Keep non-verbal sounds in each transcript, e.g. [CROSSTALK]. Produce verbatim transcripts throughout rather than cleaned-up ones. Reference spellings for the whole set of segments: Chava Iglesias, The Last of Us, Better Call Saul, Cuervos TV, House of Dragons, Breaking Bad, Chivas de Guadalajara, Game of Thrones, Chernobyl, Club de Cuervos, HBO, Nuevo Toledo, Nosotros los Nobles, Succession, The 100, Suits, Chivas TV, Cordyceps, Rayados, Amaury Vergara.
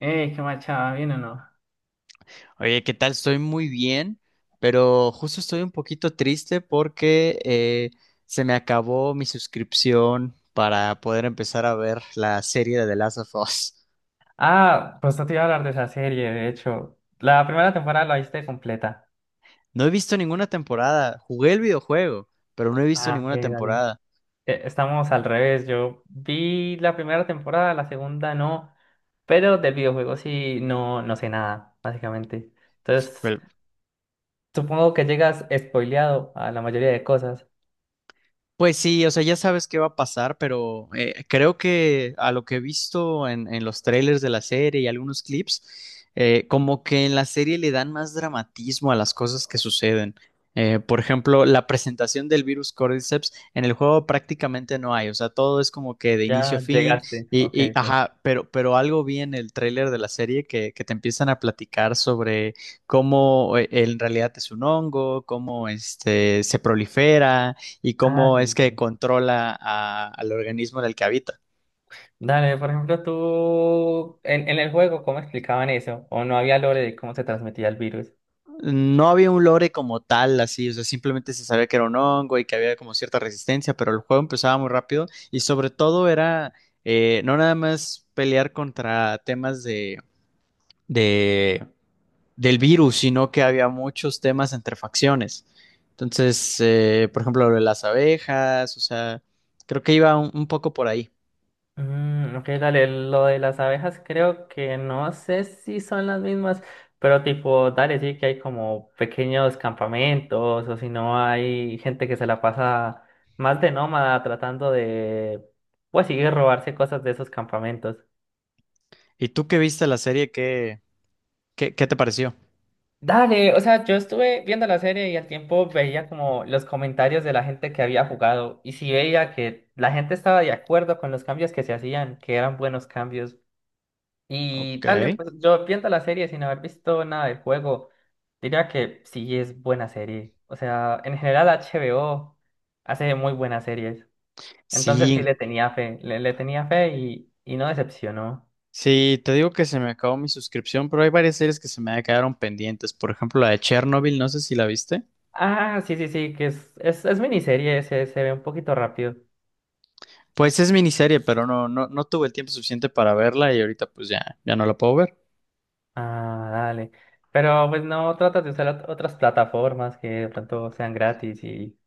Ey, qué machada, ¿bien o no? Oye, ¿qué tal? Estoy muy bien, pero justo estoy un poquito triste porque eh, se me acabó mi suscripción para poder empezar a ver la serie de The Last of Us. Ah, pues no te iba a hablar de esa serie, de hecho. La primera temporada la viste completa. No he visto ninguna temporada. Jugué el videojuego, pero no he visto Ah, ok, ninguna dale. temporada. Eh, Estamos al revés. Yo vi la primera temporada, la segunda no, pero del videojuego sí no, no sé nada, básicamente. Entonces, Pero supongo que llegas spoileado a la mayoría de cosas. pues sí, o sea, ya sabes qué va a pasar, pero eh, creo que a lo que he visto en, en los trailers de la serie y algunos clips, eh, como que en la serie le dan más dramatismo a las cosas que suceden. Eh, por ejemplo, la presentación del virus Cordyceps en el juego prácticamente no hay, o sea, todo es como que de inicio a Ya fin llegaste. y, Ok, y sí. ajá, pero, pero algo vi en el trailer de la serie que, que te empiezan a platicar sobre cómo eh, en realidad es un hongo, cómo este, se prolifera y Ah, cómo es sí, que sí. controla a- al organismo en el que habita. Dale, por ejemplo, tú en, en el juego, ¿cómo explicaban eso? ¿O no había lore de cómo se transmitía el virus? No había un lore como tal, así, o sea, simplemente se sabía que era un hongo y que había como cierta resistencia, pero el juego empezaba muy rápido y sobre todo era eh, no nada más pelear contra temas de, de- del virus, sino que había muchos temas entre facciones. Entonces, eh, por ejemplo, lo de las abejas, o sea, creo que iba un, un poco por ahí. Mm, ok, dale, lo de las abejas creo que no sé si son las mismas, pero tipo, dale, sí que hay como pequeños campamentos o si no hay gente que se la pasa más de nómada tratando de, pues sí, robarse cosas de esos campamentos. ¿Y tú que viste la serie, qué, qué, qué te pareció? Dale, o sea, yo estuve viendo la serie y al tiempo veía como los comentarios de la gente que había jugado y sí veía que la gente estaba de acuerdo con los cambios que se hacían, que eran buenos cambios. Y Ok. dale, pues yo viendo la serie sin haber visto nada del juego, diría que sí es buena serie. O sea, en general H B O hace muy buenas series. Entonces sí Sí, le tenía fe, le, le tenía fe y, y no decepcionó. sí, te digo que se me acabó mi suscripción, pero hay varias series que se me quedaron pendientes. Por ejemplo, la de Chernobyl, no sé si la viste. Ah, sí, sí, sí, que es, es, es miniserie, se, se ve un poquito rápido. Pues es miniserie, pero no, no, no tuve el tiempo suficiente para verla y ahorita pues ya, ya no la puedo ver. Ah, dale. Pero pues no tratas de usar ot- otras plataformas que de pronto sean gratis y...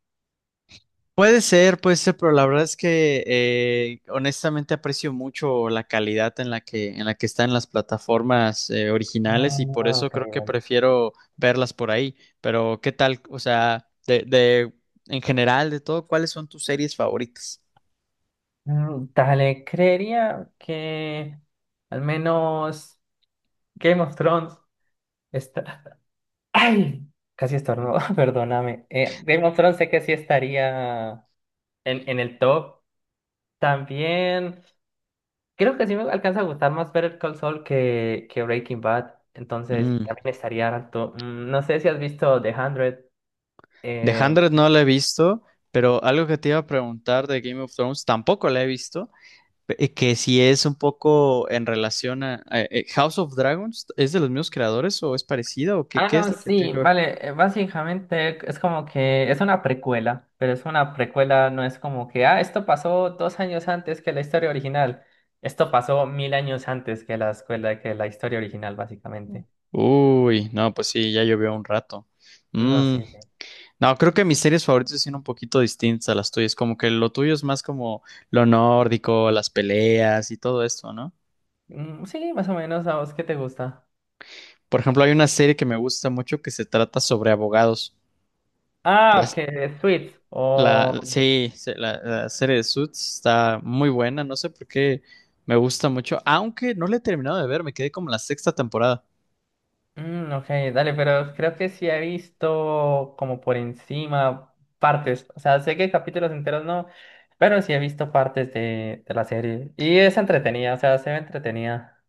Puede ser, puede ser, pero la verdad es que eh, honestamente aprecio mucho la calidad en la que, en la que están las plataformas eh, originales y por Ah, eso ok, creo que prefiero verlas por ahí. Pero, ¿qué tal? O sea, de, de, en general, de todo, ¿cuáles son tus series favoritas? Mm, Dale, creería que al menos Game of Thrones está... [LAUGHS] ¡Ay! Casi estornudo, [LAUGHS] perdóname. Eh, Game of Thrones sé que sí estaría en, en el top. También creo que sí me alcanza a gustar más Better Call Saul que, que Breaking Bad. Entonces Mm. también estaría alto. Mm, no sé si has visto The cien. The cien Eh, no la he visto, pero algo que te iba a preguntar de Game of Thrones tampoco la he visto, eh, que si es un poco en relación a, a- eh, House of Dragons, ¿es de los mismos creadores o es parecida o qué, Ah, qué es no, lo que tiene sí, que ver? vale, eh, básicamente es como que es una precuela, pero es una precuela, no es como que, ah, esto pasó dos años antes que la historia original, esto pasó mil años antes que la escuela, que la historia original, básicamente. Uy, no, pues sí, ya llovió un rato. No, Mm, sí, sí. no, creo que mis series favoritas son un poquito distintas a las tuyas, como que lo tuyo es más como lo nórdico, las peleas y todo esto, ¿no? Mm, sí, más o menos, ¿a vos qué te gusta? Por ejemplo, hay una serie que me gusta mucho que se trata sobre abogados. Ah, Las- que Sweet, La, o... sí, sí, la, la serie de Suits está muy buena, no sé por qué me gusta mucho, aunque no la he terminado de ver, me quedé como en la sexta temporada. Mm, ok, dale, pero creo que sí he visto como por encima partes. O sea, sé que capítulos enteros no, pero sí he visto partes de, de la serie. Y es entretenida, o sea, se ve entretenida.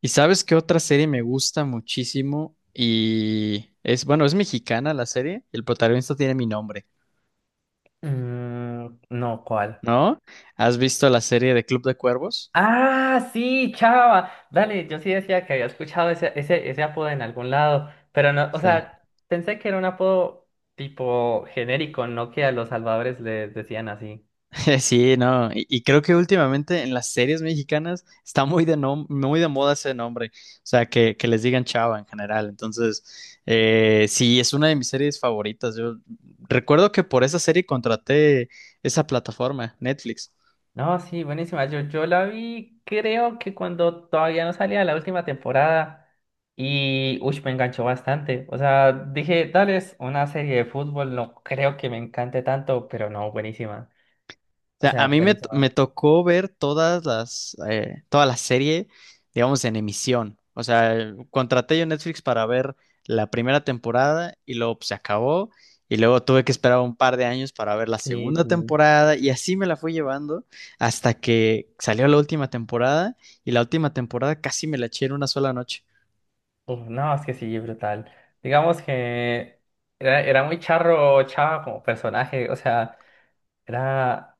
¿Y sabes qué otra serie me gusta muchísimo? Y es, bueno, es mexicana la serie, el protagonista tiene mi nombre, Mm, no, ¿cuál? ¿no? ¿Has visto la serie de Club de Cuervos? Ah, sí, Chava. Dale, yo sí decía que había escuchado ese, ese, ese apodo en algún lado, pero no, o sea, pensé que era un apodo tipo genérico, no que a los salvadores les decían así. [LAUGHS] Sí, no, y, y creo que últimamente en las series mexicanas está muy de nom- muy de moda ese nombre, o sea, que, que les digan chava en general, entonces, eh, sí, es una de mis series favoritas, yo recuerdo que por esa serie contraté esa plataforma, Netflix. No, sí, buenísima. Yo, yo la vi, creo que cuando todavía no salía la última temporada y, uy, me enganchó bastante. O sea, dije, dale, es una serie de fútbol, no creo que me encante tanto, pero no, buenísima. O Sea, a sea, mí me, t- buenísima. me tocó ver todas las, eh, toda la serie, digamos, en emisión. O sea, eh, contraté yo Netflix para ver la primera temporada y luego pues, se acabó. Y luego tuve que esperar un par de años para ver la Sí, segunda sí. temporada y así me la fui llevando hasta que salió la última temporada y la última temporada casi me la eché en una sola noche. Uf, no, es que sí, brutal. Digamos que era, era muy charro, chava como personaje, o sea, era.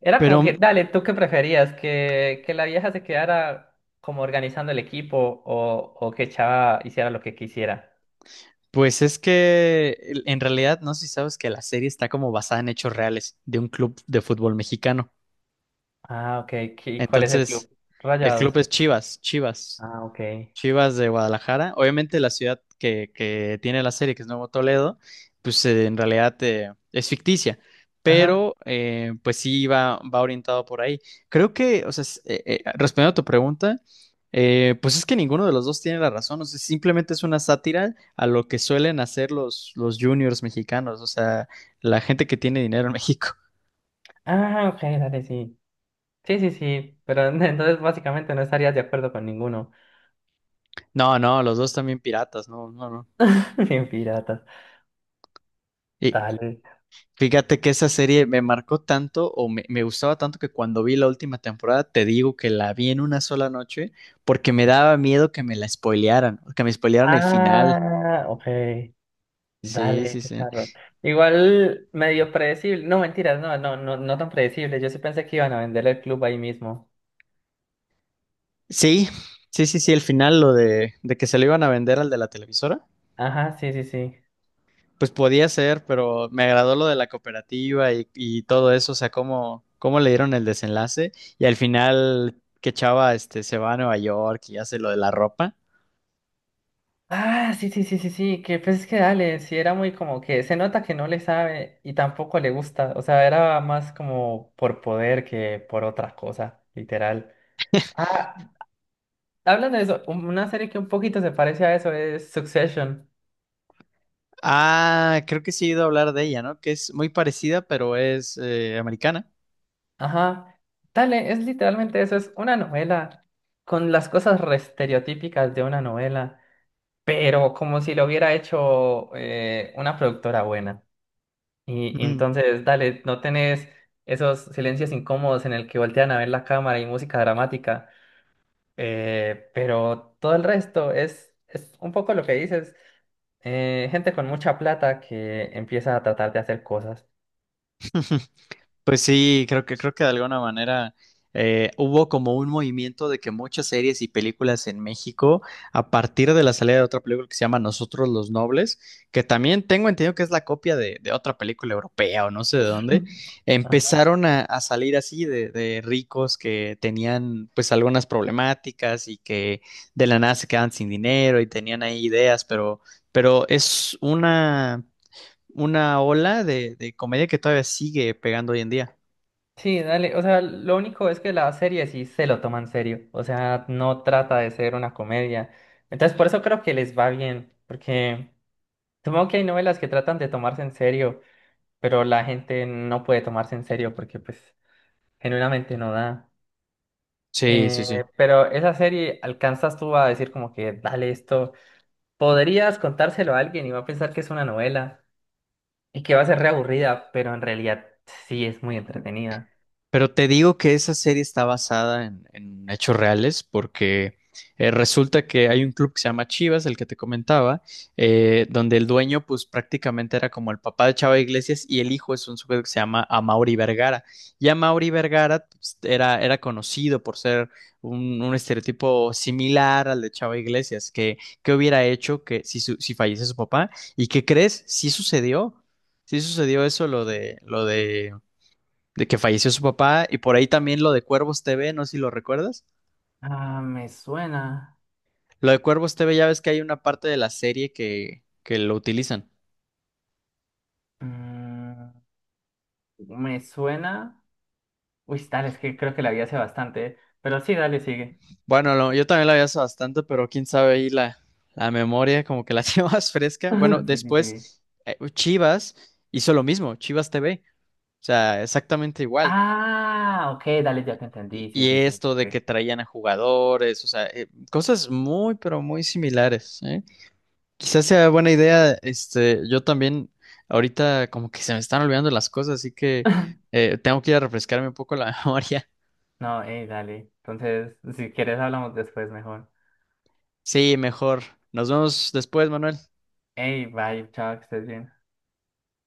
Era Pero como que, dale, ¿tú qué preferías? ¿Que, que la vieja se quedara como organizando el equipo o, o que Chava hiciera lo que quisiera? pues es que en realidad no sé si sabes que la serie está como basada en hechos reales de un club de fútbol mexicano. Ah, ok. ¿Qué- cuál es el club? Entonces, el club Rayados. es Chivas, Chivas, Ah, ok. Chivas de Guadalajara. Obviamente la ciudad que, que tiene la serie, que es Nuevo Toledo, pues eh, en realidad eh, es ficticia, Ajá. pero eh, pues sí va, va orientado por ahí. Creo que, o sea, es- eh, eh, respondiendo a tu pregunta, eh, pues es que ninguno de los dos tiene la razón, o sea, simplemente es una sátira a lo que suelen hacer los, los juniors mexicanos, o sea, la gente que tiene dinero en México. [LAUGHS] Ah, ok, dale, sí. Sí, sí, sí. Pero [LAUGHS] entonces básicamente no estarías de acuerdo con ninguno. No, no, los dos también piratas, no, no, no. [LAUGHS] Bien piratas. Dale. Fíjate que esa serie me marcó tanto o me, me gustaba tanto que cuando vi la última temporada, te digo que la vi en una sola noche porque me daba miedo que me la spoilearan, que me spoilearan el final. Ah, ok. Sí, sí, Dale, sí. charro. Igual medio predecible. No, mentiras, no, no, no, no tan predecible. Yo sí pensé que iban a vender el club ahí mismo. Sí, sí, sí, sí, el final, lo de, de que se lo iban a vender al de la televisora. Ajá, sí, sí, sí. Pues podía ser, pero me agradó lo de la cooperativa y, y todo eso, o sea, cómo, cómo le dieron el desenlace y al final que Chava este, se va a Nueva York y hace lo de la ropa. Ah, sí, sí, sí, sí, sí, que pues es que dale, sí era muy como que se nota que no le sabe y tampoco le gusta, o sea, era más como por poder que por otra cosa, literal. Ah, hablando de eso, un- una serie que un poquito se parece a eso es Succession. Ah, creo que sí he ido a hablar de ella, ¿no? Que es muy parecida, pero es eh, americana. Ajá, dale, es literalmente eso, es una novela con las cosas re estereotípicas de una novela, pero como si lo hubiera hecho eh, una productora buena. Y, y Mm. entonces, dale, no tenés esos silencios incómodos en el que voltean a ver la cámara y música dramática, eh, pero todo el resto es, es un poco lo que dices, eh, gente con mucha plata que empieza a tratar de hacer cosas. [LAUGHS] Pues sí, creo que creo que de alguna manera eh, hubo como un movimiento de que muchas series y películas en México, a partir de la salida de otra película que se llama Nosotros los Nobles, que también tengo entendido que es la copia de, de otra película europea o no sé de dónde, [LAUGHS] Ajá. empezaron a, a salir así de, de ricos que tenían pues algunas problemáticas y que de la nada se quedan sin dinero y tenían ahí ideas, pero, pero es una, una ola de de comedia que todavía sigue pegando hoy en día. Sí, dale, o sea, lo único es que la serie sí se lo toma en serio, o sea, no trata de ser una comedia. Entonces, por eso creo que les va bien, porque supongo que hay novelas que tratan de tomarse en serio, pero la gente no puede tomarse en serio porque pues... Genuinamente no da. Sí, sí, Eh, sí. pero esa serie alcanzas tú a decir como que, dale esto, podrías contárselo a alguien y va a pensar que es una novela y que va a ser reaburrida, pero en realidad sí es muy entretenida. Pero te digo que esa serie está basada en, en hechos reales porque eh, resulta que hay un club que se llama Chivas, el que te comentaba, eh, donde el dueño pues prácticamente era como el papá de Chava Iglesias y el hijo es un sujeto que se llama Amaury Vergara. Y Amaury Vergara pues, era, era conocido por ser un, un estereotipo similar al de Chava Iglesias, que, que hubiera hecho que si, su- si fallece su papá. ¿Y qué crees? Sí sucedió. Sí sucedió eso, lo de, lo de de que falleció su papá y por ahí también lo de Cuervos T V, no sé si lo recuerdas. Ah, me suena. Lo de Cuervos T V ya ves que hay una parte de la serie que, que lo utilizan. Mm, me suena. Uy, dale, es que creo que la vi hace bastante, ¿eh? Pero sí, dale, sigue. Bueno, lo- yo también lo había hace bastante, pero quién sabe ahí la, la memoria como que la [LAUGHS] llevas fresca. Bueno, [LAUGHS] Sí, sí, sí. después eh, Chivas hizo lo mismo, Chivas T V, o sea, exactamente igual. Ah, ok, dale, ya te Y, entendí. Sí, y sí, sí, esto de que sí. traían a jugadores, o sea, eh, cosas muy, pero muy similares, ¿eh? Quizás sea buena idea, este, yo también ahorita como que se me están olvidando las cosas, así que eh, tengo que ir a refrescarme un poco la [LAUGHS] memoria. No, hey, dale. Entonces, si quieres, hablamos después mejor. Sí, mejor. Nos vemos después, Manuel. Hey, bye, chao, que estés bien.